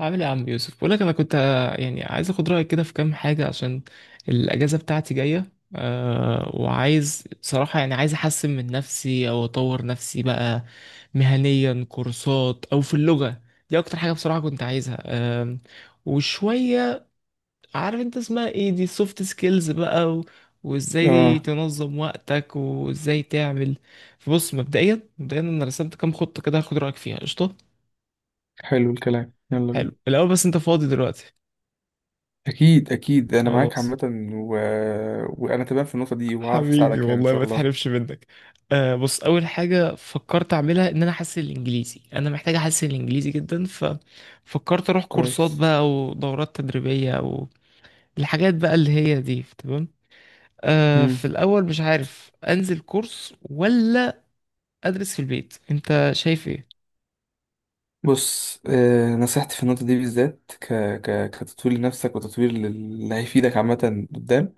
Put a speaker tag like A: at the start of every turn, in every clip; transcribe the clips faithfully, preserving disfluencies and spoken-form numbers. A: عامل ايه يا عم يوسف؟ بقول لك انا كنت، آه، يعني عايز اخد رايك كده في كام حاجه عشان الاجازه بتاعتي جايه أه وعايز بصراحه، يعني عايز احسن من نفسي او اطور نفسي بقى مهنيا، كورسات او في اللغه. دي اكتر حاجه بصراحه كنت عايزها أه وشويه، عارف انت اسمها ايه، دي سوفت سكيلز بقى، و... وازاي
B: اه
A: تنظم وقتك وازاي تعمل. فبص، مبدئيا مبدئيا انا رسمت كام خطه كده، هاخد رايك فيها. قشطه،
B: حلو الكلام، يلا بينا.
A: حلو. الاول بس انت فاضي دلوقتي؟
B: اكيد اكيد، انا معاك
A: خلاص.
B: عامه. و... وانا تمام في النقطه دي، وهعرف
A: حبيبي
B: اساعدك يعني ان
A: والله،
B: شاء
A: ما
B: الله.
A: تحرمش منك. آه بص، اول حاجه فكرت اعملها ان انا احسن الانجليزي، انا محتاج احسن الانجليزي جدا، ففكرت اروح كورسات
B: كويس.
A: بقى ودورات تدريبيه، او الحاجات بقى اللي هي دي، تمام. آه في
B: مم.
A: الاول مش عارف انزل كورس ولا ادرس في البيت، انت شايف ايه؟
B: بص، آه نصيحتي في النقطه دي بالذات ك... ك... كتطوير لنفسك، وتطوير لل- اللي هيفيدك عامه قدام.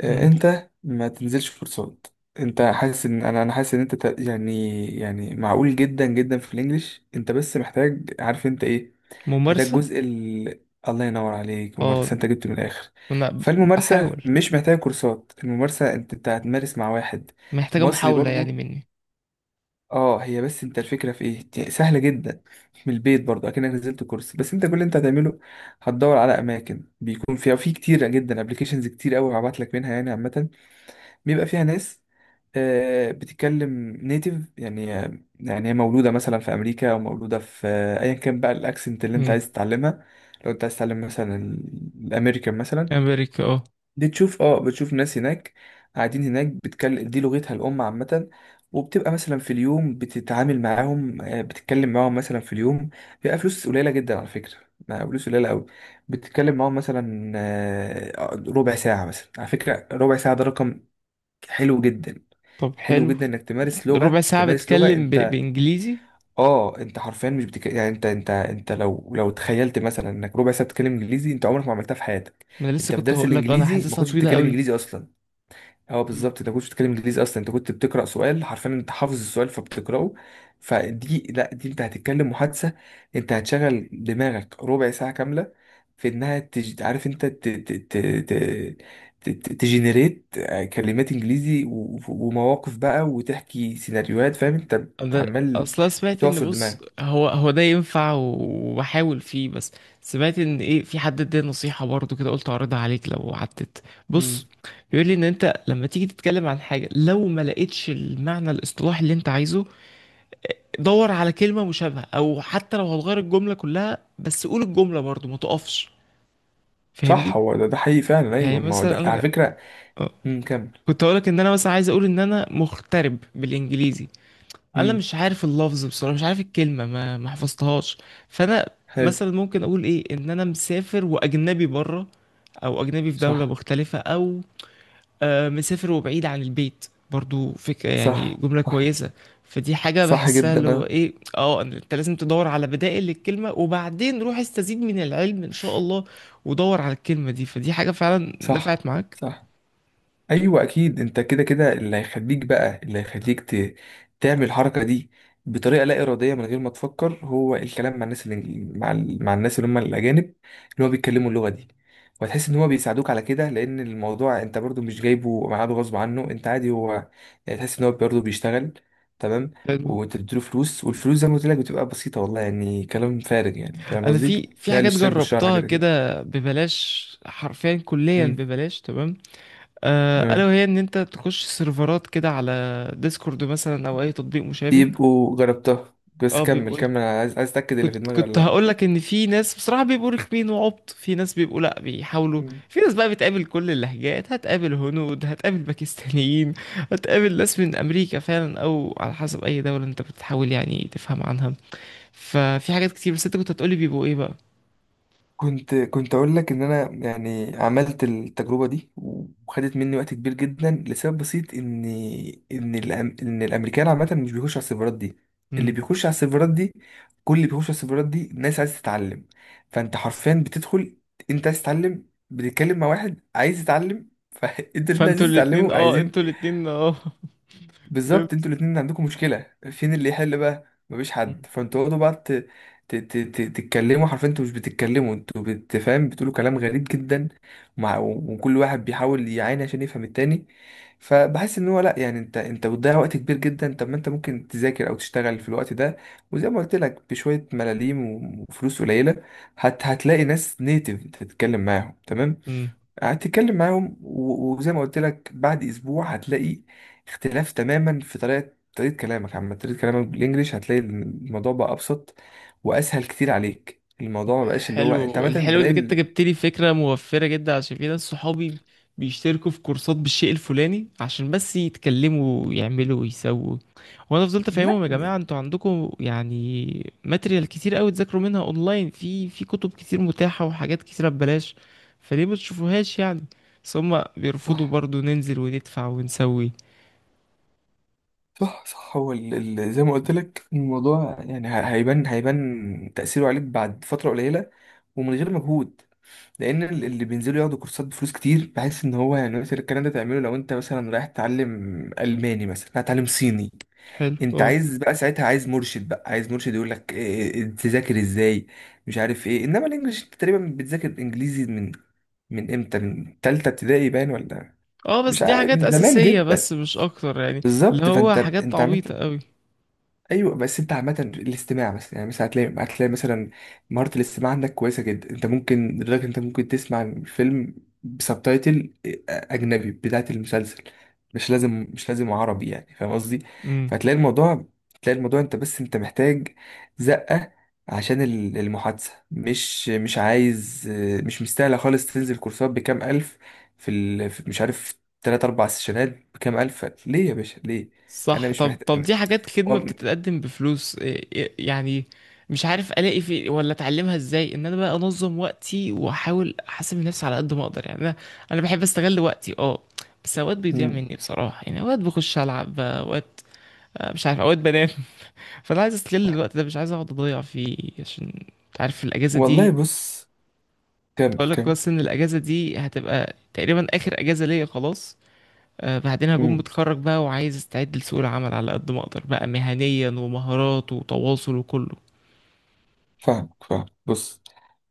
B: آه
A: مم.
B: انت ما تنزلش كورسات. انت حاسس ان انا انا حاسس ان انت ت- يعني يعني معقول جدا جدا في الانجليش، انت بس محتاج، عارف انت ايه؟ ده
A: ممارسه.
B: الجزء ال... الله ينور عليك،
A: اه،
B: ممارسة، انت جبت من الاخر.
A: انا
B: فالممارسة
A: بحاول.
B: مش محتاجة كورسات، الممارسة انت انت هتمارس مع واحد
A: محتاجه
B: مصري
A: محاوله يعني
B: برضو.
A: مني.
B: اه، هي بس انت الفكرة في ايه؟ دي سهلة جدا، من البيت برضو، اكنك نزلت كورس، بس انت كل اللي انت هتعمله هتدور على اماكن بيكون فيها في كتير جدا ابلكيشنز كتير قوي هبعت لك منها يعني عامة. بيبقى فيها ناس آه، بتتكلم نيتيف يعني، يعني هي مولودة مثلا في أمريكا أو مولودة في آه، أيا كان بقى الأكسنت اللي أنت
A: مم.
B: عايز تتعلمها. لو أنت عايز تتعلم مثلا ال- الأمريكان مثلا،
A: امريكا، اه.
B: بتشوف أه بتشوف ناس هناك قاعدين هناك، بتتكلم دي لغتها الأم عامة. وبتبقى مثلا في اليوم بتتعامل معاهم، آه، بتتكلم معاهم مثلا في اليوم، بيبقى فلوس قليلة جدا على فكرة، بقى فلوس قليلة أوي. بتتكلم معاهم مثلا آه، ربع ساعة، مثلا على فكرة ربع ساعة ده رقم حلو جدا.
A: طب
B: حلو
A: حلو.
B: جدا انك تمارس
A: ربع
B: لغه،
A: ساعه
B: تمارس لغه.
A: بتكلم ب...
B: انت
A: بانجليزي؟
B: اه انت حرفيا مش بتك... يعني انت انت انت لو لو تخيلت مثلا انك ربع ساعه بتتكلم انجليزي، انت عمرك ما عملتها في حياتك.
A: ما انا لسه
B: انت في
A: كنت
B: درس
A: هقول لك انا
B: الانجليزي ما
A: حاسسها
B: كنتش
A: طويله
B: بتتكلم
A: قوي.
B: انجليزي اصلا. اه
A: مم.
B: بالظبط، انت كنت بتتكلم انجليزي اصلا؟ انت كنت بتقرا سؤال حرفيا، انت حافظ السؤال فبتقراه. فدي لا، دي انت هتتكلم محادثه، انت هتشغل دماغك ربع ساعه كامله في انها تج... عارف انت ت... ت... ت... ت... ت... تجنريت كلمات انجليزي و... ومواقف بقى، وتحكي سيناريوهات، فاهم انت؟
A: انا
B: عمال
A: اصلا سمعت ان،
B: بتعصر
A: بص،
B: دماغك.
A: هو هو ده ينفع، و- وبحاول فيه، بس سمعت ان ايه، في حد اداني نصيحه برضو كده، قلت اعرضها عليك لو عدت. بص،
B: امم،
A: بيقول لي ان انت لما تيجي تتكلم عن حاجه، لو ما لقيتش المعنى الاصطلاحي اللي انت عايزه، دور على كلمه مشابهه، او حتى لو هتغير الجمله كلها بس قول الجمله برضو، ما تقفش، فاهمني؟
B: صح هو ده ده حقيقي فعلا.
A: يعني
B: ايوه ما هو
A: مثلا
B: ده على
A: انا،
B: فكره.
A: آه،
B: امم، كمل.
A: كنت هقولك ان انا مثلا عايز اقول ان انا مغترب بالانجليزي. انا
B: امم.
A: مش عارف اللفظ بصراحه، مش عارف الكلمه، ما ما حفظتهاش. فانا
B: حلو.
A: مثلا ممكن اقول ايه؟ ان انا مسافر واجنبي بره، او اجنبي في دوله
B: صح،
A: مختلفه، او آه مسافر وبعيد عن البيت، برضو فكره، يعني
B: صح،
A: جمله
B: صح،
A: كويسه. فدي حاجه
B: صح
A: بحسها،
B: جدا
A: اللي هو
B: آه.
A: ايه، اه إن انت لازم تدور على بدائل للكلمه، وبعدين روح استزيد من العلم ان شاء الله، ودور على الكلمه دي. فدي حاجه فعلا
B: صح،
A: نفعت معاك.
B: صح. ايوه اكيد، انت كده كده اللي هيخليك بقى، اللي هيخليك ت... تعمل الحركه دي بطريقه لا اراديه، من غير ما تفكر، هو الكلام مع الناس اللي مع ال... مع الناس اللي هم الاجانب اللي هو بيتكلموا اللغه دي. وهتحس ان هو بيساعدوك على كده، لان الموضوع انت برضو مش جايبه معاده غصب عنه، انت عادي، هو يعني تحس ان هو برضو بيشتغل. تمام.
A: حلو.
B: وانت بتديله فلوس، والفلوس زي ما قلت لك بتبقى بسيطه والله، يعني كلام فارغ يعني. فاهم
A: انا
B: قصدي؟
A: في في
B: ده
A: حاجات
B: الاشتراك بالشهر حاجه
A: جربتها
B: زي كده.
A: كده ببلاش، حرفيا كليا
B: امم.
A: ببلاش، تمام. آه، الا وهي ان انت تخش سيرفرات كده على ديسكورد مثلا، او اي تطبيق مشابه.
B: يبقوا جربتها، بس
A: اه،
B: كمل
A: بيبقوا ايه،
B: كمل، انا عايز، عايز اتاكد اللي في
A: كنت
B: دماغي ولا
A: كنت
B: لا.
A: هقول لك ان في ناس بصراحه بيبقوا رخمين وعبط، في ناس بيبقوا لا، بيحاولوا.
B: مم.
A: في ناس بقى بتقابل كل اللهجات، هتقابل هنود، هتقابل باكستانيين، هتقابل ناس من امريكا فعلا، او على حسب اي دوله انت بتحاول يعني تفهم عنها. ففي حاجات كتير. بس انت كنت هتقولي بيبقوا ايه بقى؟
B: كنت كنت اقول لك ان انا يعني عملت التجربه دي، وخدت مني وقت كبير جدا، لسبب بسيط ان ان الأم... ان الامريكان عامه مش بيخش على السيرفرات دي. اللي
A: امم.
B: بيخش على السيرفرات دي، كل اللي بيخش على السيرفرات دي ناس عايز تتعلم. فانت حرفيا بتدخل، انت عايز تتعلم، بتتكلم مع واحد عايز يتعلم، فانت الاتنين
A: فانتوا
B: عايزين
A: الاتنين،
B: تتعلموا،
A: اه،
B: عايزين.
A: انتوا الاتنين، اه.
B: بالظبط، انتوا
A: فهمت.
B: الاتنين عندكم مشكلة. فين اللي يحل بقى؟ مفيش
A: مم.
B: حد. فانتوا اقعدوا بقى ت... ت... ت... ت... تتكلموا. حرفيا انتوا مش بتتكلموا، انتوا بتفهم، بتقولوا كلام غريب جدا. مع... وكل واحد بيحاول يعاني عشان يفهم التاني، فبحس ان هو لا، يعني انت انت بتضيع وقت كبير جدا. طب ما انت ممكن تذاكر او تشتغل في الوقت ده، وزي ما قلت لك بشوية ملاليم وفلوس قليلة. هت... هتلاقي ناس نيتف تتكلم معاهم تمام،
A: مم.
B: هتتكلم معاهم و- وزي ما قلت لك بعد اسبوع هتلاقي اختلاف تماما في طريقه طريقه كلامك عامه، طريقه كلامك بالانجليش. هتلاقي الموضوع بقى ابسط واسهل كتير عليك، الموضوع ما بقاش اللي هو، انت
A: حلو
B: عامه
A: الحلو
B: بلاقي
A: انك انت
B: ال-
A: جبت لي فكره موفره جدا، عشان في ناس صحابي بيشتركوا في كورسات بالشيء الفلاني عشان بس يتكلموا ويعملوا ويسووا. وانا فضلت افهمهم
B: لا
A: يا جماعه،
B: يعني.
A: انتوا عندكم يعني ماتريال كتير قوي، تذاكروا منها اونلاين، في في كتب كتير متاحه وحاجات كتيره ببلاش، فليه ما تشوفوهاش يعني؟ بس هم بيرفضوا،
B: صح،
A: برضو ننزل وندفع ونسوي.
B: صح، صح، هو ال- ال- زي ما قلت لك الموضوع يعني ه- هيبان هيبان تأثيره عليك بعد فترة قليلة، ومن غير مجهود. لأن ال-
A: مم.
B: اللي بينزلوا ياخدوا كورسات بفلوس كتير، بحس إن هو يعني مثلا الكلام ده تعمله لو أنت مثلا رايح تتعلم ألماني مثلا، هتتعلم صيني.
A: حلو،
B: أنت
A: اه.
B: عايز بقى ساعتها، عايز مرشد بقى، عايز مرشد يقول لك إيه- إيه، إيه، تذاكر إزاي، مش عارف إيه. إنما الإنجليش أنت تقريبا بتذاكر إنجليزي من، من امتى، من تالتة ابتدائي باين ولا
A: اه بس
B: مش
A: دي
B: عارف،
A: حاجات
B: من زمان
A: اساسيه،
B: جدا.
A: بس مش اكتر يعني. اللي
B: بالظبط،
A: هو
B: فانت
A: حاجات
B: انت عملت،
A: عبيطه قوي.
B: ايوه بس انت عامه الاستماع مثلا، يعني مثلا هتلاقي هتلاقي مثلا مهاره الاستماع عندك كويسه جدا، انت ممكن لدرجه انت ممكن تسمع الفيلم بسبتايتل آه، اجنبي بتاعه المسلسل، مش لازم، مش لازم عربي يعني. فاهم قصدي؟ فهتلاقي الموضوع، تلاقي الموضوع، انت بس انت محتاج زقه عشان ال- المحادثه. مش، مش عايز، مش مستاهله خالص تنزل كورسات بكام الف، في، ال... في مش عارف تلات اربع سيشنات بكام الف، ليه يا باشا ليه؟ انا
A: صح.
B: مش
A: طب طب
B: محتاج.
A: دي حاجات خدمة بتتقدم بفلوس، إيه- إيه- يعني مش عارف الاقي في، ولا اتعلمها ازاي ان انا بقى انظم وقتي واحاول احاسب نفسي على قد ما اقدر يعني. انا انا بحب استغل وقتي، اه. بس اوقات بيضيع
B: مم.
A: مني بصراحة، يعني اوقات بخش العب، اوقات آه، مش عارف، اوقات بنام. فانا عايز استغل الوقت ده، مش عايز اقعد اضيع فيه، عشان انت عارف الاجازة
B: والله
A: دي.
B: بص،
A: كنت اقول
B: كمل
A: لك
B: كمل.
A: بس ان الاجازة دي هتبقى تقريبا اخر اجازة ليا خلاص. آه، بعدين هكون
B: مم.
A: متخرج بقى، وعايز استعد لسوق العمل على قد ما اقدر بقى، مهنيا ومهارات وتواصل، وكله.
B: فاهمك، فاهم. بص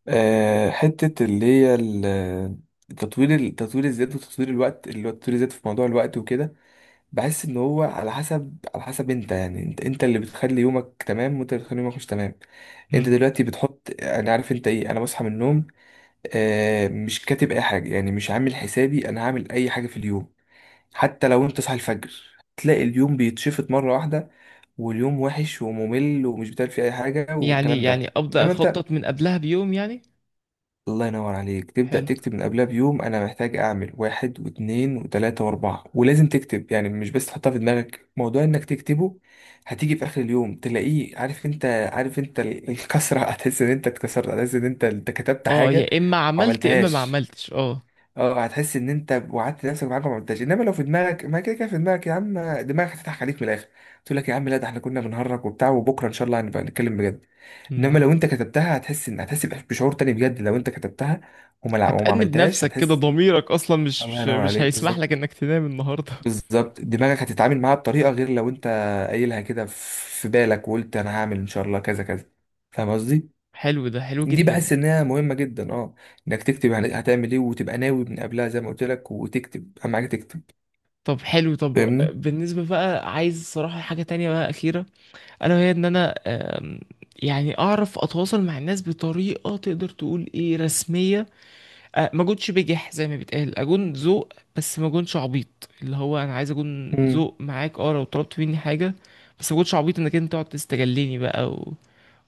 B: آه، حتة اللي هي ال- التطوير، التطوير الذات وتطوير الوقت، اللي هو التطوير الذات في موضوع الوقت وكده. بحس ان هو على حسب، على حسب انت يعني، انت انت اللي بتخلي يومك تمام، وانت اللي بتخلي يومك مش تمام. انت
A: مم.
B: دلوقتي بتحط، انا عارف انت ايه، انا بصحى من النوم آه، مش كاتب اي حاجه، يعني مش عامل حسابي انا هعمل اي حاجه في اليوم. حتى لو انت صاحي الفجر، تلاقي اليوم بيتشفط مره واحده، واليوم وحش وممل ومش بتعمل فيه اي حاجه
A: يعني
B: والكلام ده.
A: يعني ابدا
B: انما انت
A: اخطط من قبلها بيوم يعني؟
B: الله ينور عليك تبدا
A: حلو.
B: تكتب من قبلها بيوم، انا محتاج اعمل واحد واثنين وثلاثه واربعه، ولازم تكتب يعني، مش بس تحطها في دماغك، موضوع انك تكتبه هتيجي في اخر اليوم تلاقيه عارف انت، عارف انت ال- الكسره. هتحس ان انت اتكسرت، هتحس ان انت انت كتبت
A: اه،
B: حاجه
A: يا اما
B: وما
A: عملت يا اما ما
B: عملتهاش.
A: عملتش، اه.
B: اه هتحس ان انت وعدت نفسك بحاجه ما عدتهاش. انما لو في دماغك، ما كده كده في دماغك يا عم، دماغك هتضحك عليك من الاخر، تقول لك يا عم لا، ده احنا كنا بنهرج وبتاع، وبكره ان شاء الله هنبقى نتكلم بجد.
A: مم.
B: انما لو انت كتبتها هتحس ان، هتحس بإح- بشعور تاني بجد لو انت كتبتها وما لع- وما
A: هتأنب
B: عملتهاش
A: نفسك كده،
B: هتحس.
A: ضميرك اصلا مش
B: الله
A: مش
B: ينور
A: مش
B: عليك،
A: هيسمح
B: بالظبط،
A: لك انك تنام النهارده.
B: بالظبط. دماغك هتتعامل معاها بطريقه غير، لو انت قايلها كده في بالك وقلت انا هعمل ان شاء الله كذا كذا. فاهم قصدي؟
A: حلو ده، حلو
B: دي
A: جدا.
B: بحس انها مهمه جدا، اه انك تكتب يعني هتعمل ايه، وتبقى ناوي من قبلها زي ما قلت لك، وتكتب اهم حاجه تكتب.
A: طب حلو. طب
B: فاهمني؟
A: بالنسبة بقى، عايز صراحة حاجة تانية بقى، أخيرة. ألا وهي إن أنا، آم، يعني أعرف أتواصل مع الناس بطريقة تقدر تقول إيه رسمية. أه ما اكونش بجح، زي ما بيتقال اكون ذوق، بس ما اكونش عبيط. اللي هو انا عايز اكون
B: امم.
A: ذوق معاك، اه لو طلبت مني حاجه، بس ما اكونش عبيط انك انت تقعد تستجلني بقى، و...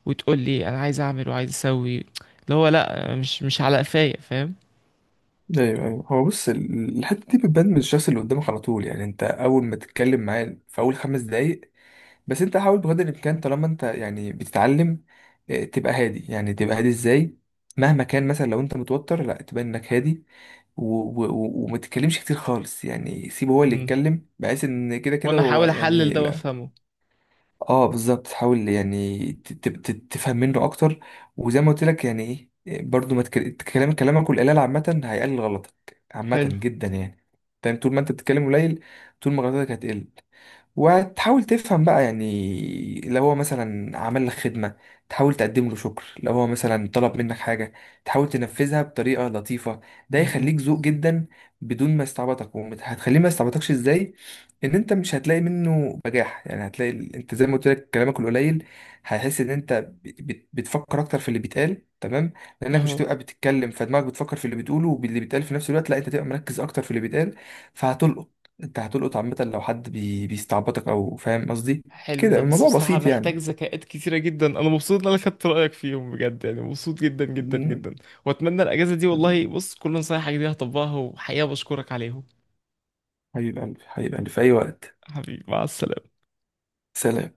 A: وتقول لي انا عايز اعمل وعايز اسوي، اللي هو لا، مش مش على قفايا، فاهم؟
B: ايوه، ايوه هو بص، ال- الحته دي بتبان من الشخص اللي قدامك على طول، يعني انت اول ما تتكلم معاه في اول خمس دقايق بس. انت حاول بقدر الامكان طالما انت يعني بتتعلم، آه، تبقى هادي. يعني تبقى هادي ازاي؟ مهما كان مثلا لو انت متوتر، لا تبان انك هادي، و- و- و- وما تتكلمش كتير خالص، يعني سيبه هو اللي
A: مم.
B: يتكلم، بحيث ان كده كده
A: وانا
B: هو
A: احاول احلل
B: يعني.
A: ده وافهمه.
B: اه بالظبط، حاول يعني ت- ت- ت- تفهم منه اكتر، وزي ما قلت لك يعني ايه، برضو ما تك- كلام، كلامك والقلال عامة هيقلل غلطك. عامة
A: حلو.
B: جدا يعني. فاهم؟ طول ما انت بتتكلم قليل، طول ما غلطاتك هتقل، وتحاول تفهم بقى يعني. لو هو مثلا عمل لك خدمة، تحاول تقدم له شكر، لو هو مثلا طلب منك حاجة تحاول تنفذها بطريقة لطيفة، ده
A: مهم.
B: يخليك ذوق جدا، بدون ما يستعبطك. وهتخليه ما يستعبطكش ازاي؟ ان انت مش هتلاقي منه بجاح يعني، هتلاقي ال- انت زي ما قلت لك، كلامك القليل هيحس ان انت ب- بت- بتفكر اكتر في اللي بيتقال تمام. لانك مش
A: اهو.
B: هتبقى بتتكلم، فدماغك بتفكر في اللي بتقوله واللي بيتقال في نفس الوقت، لا انت تبقى مركز اكتر في اللي بيتقال، فهتلقط. انت هتلقط عامة، لو حد بي... بيستعبطك او، فاهم قصدي؟
A: حلو
B: كده
A: ده، بس
B: الموضوع
A: بصراحه
B: بسيط
A: محتاج
B: يعني.
A: ذكاءات كتيره جدا. انا مبسوط ان انا خدت رايك فيهم بجد، يعني مبسوط جدا جدا جدا. واتمنى الاجازه دي، والله بص، كل نصايحك دي هطبقها، وحقيقه بشكرك عليهم.
B: حبيب قلبي، حبيب قلبي في اي وقت.
A: حبيبي، مع السلامة.
B: سلام.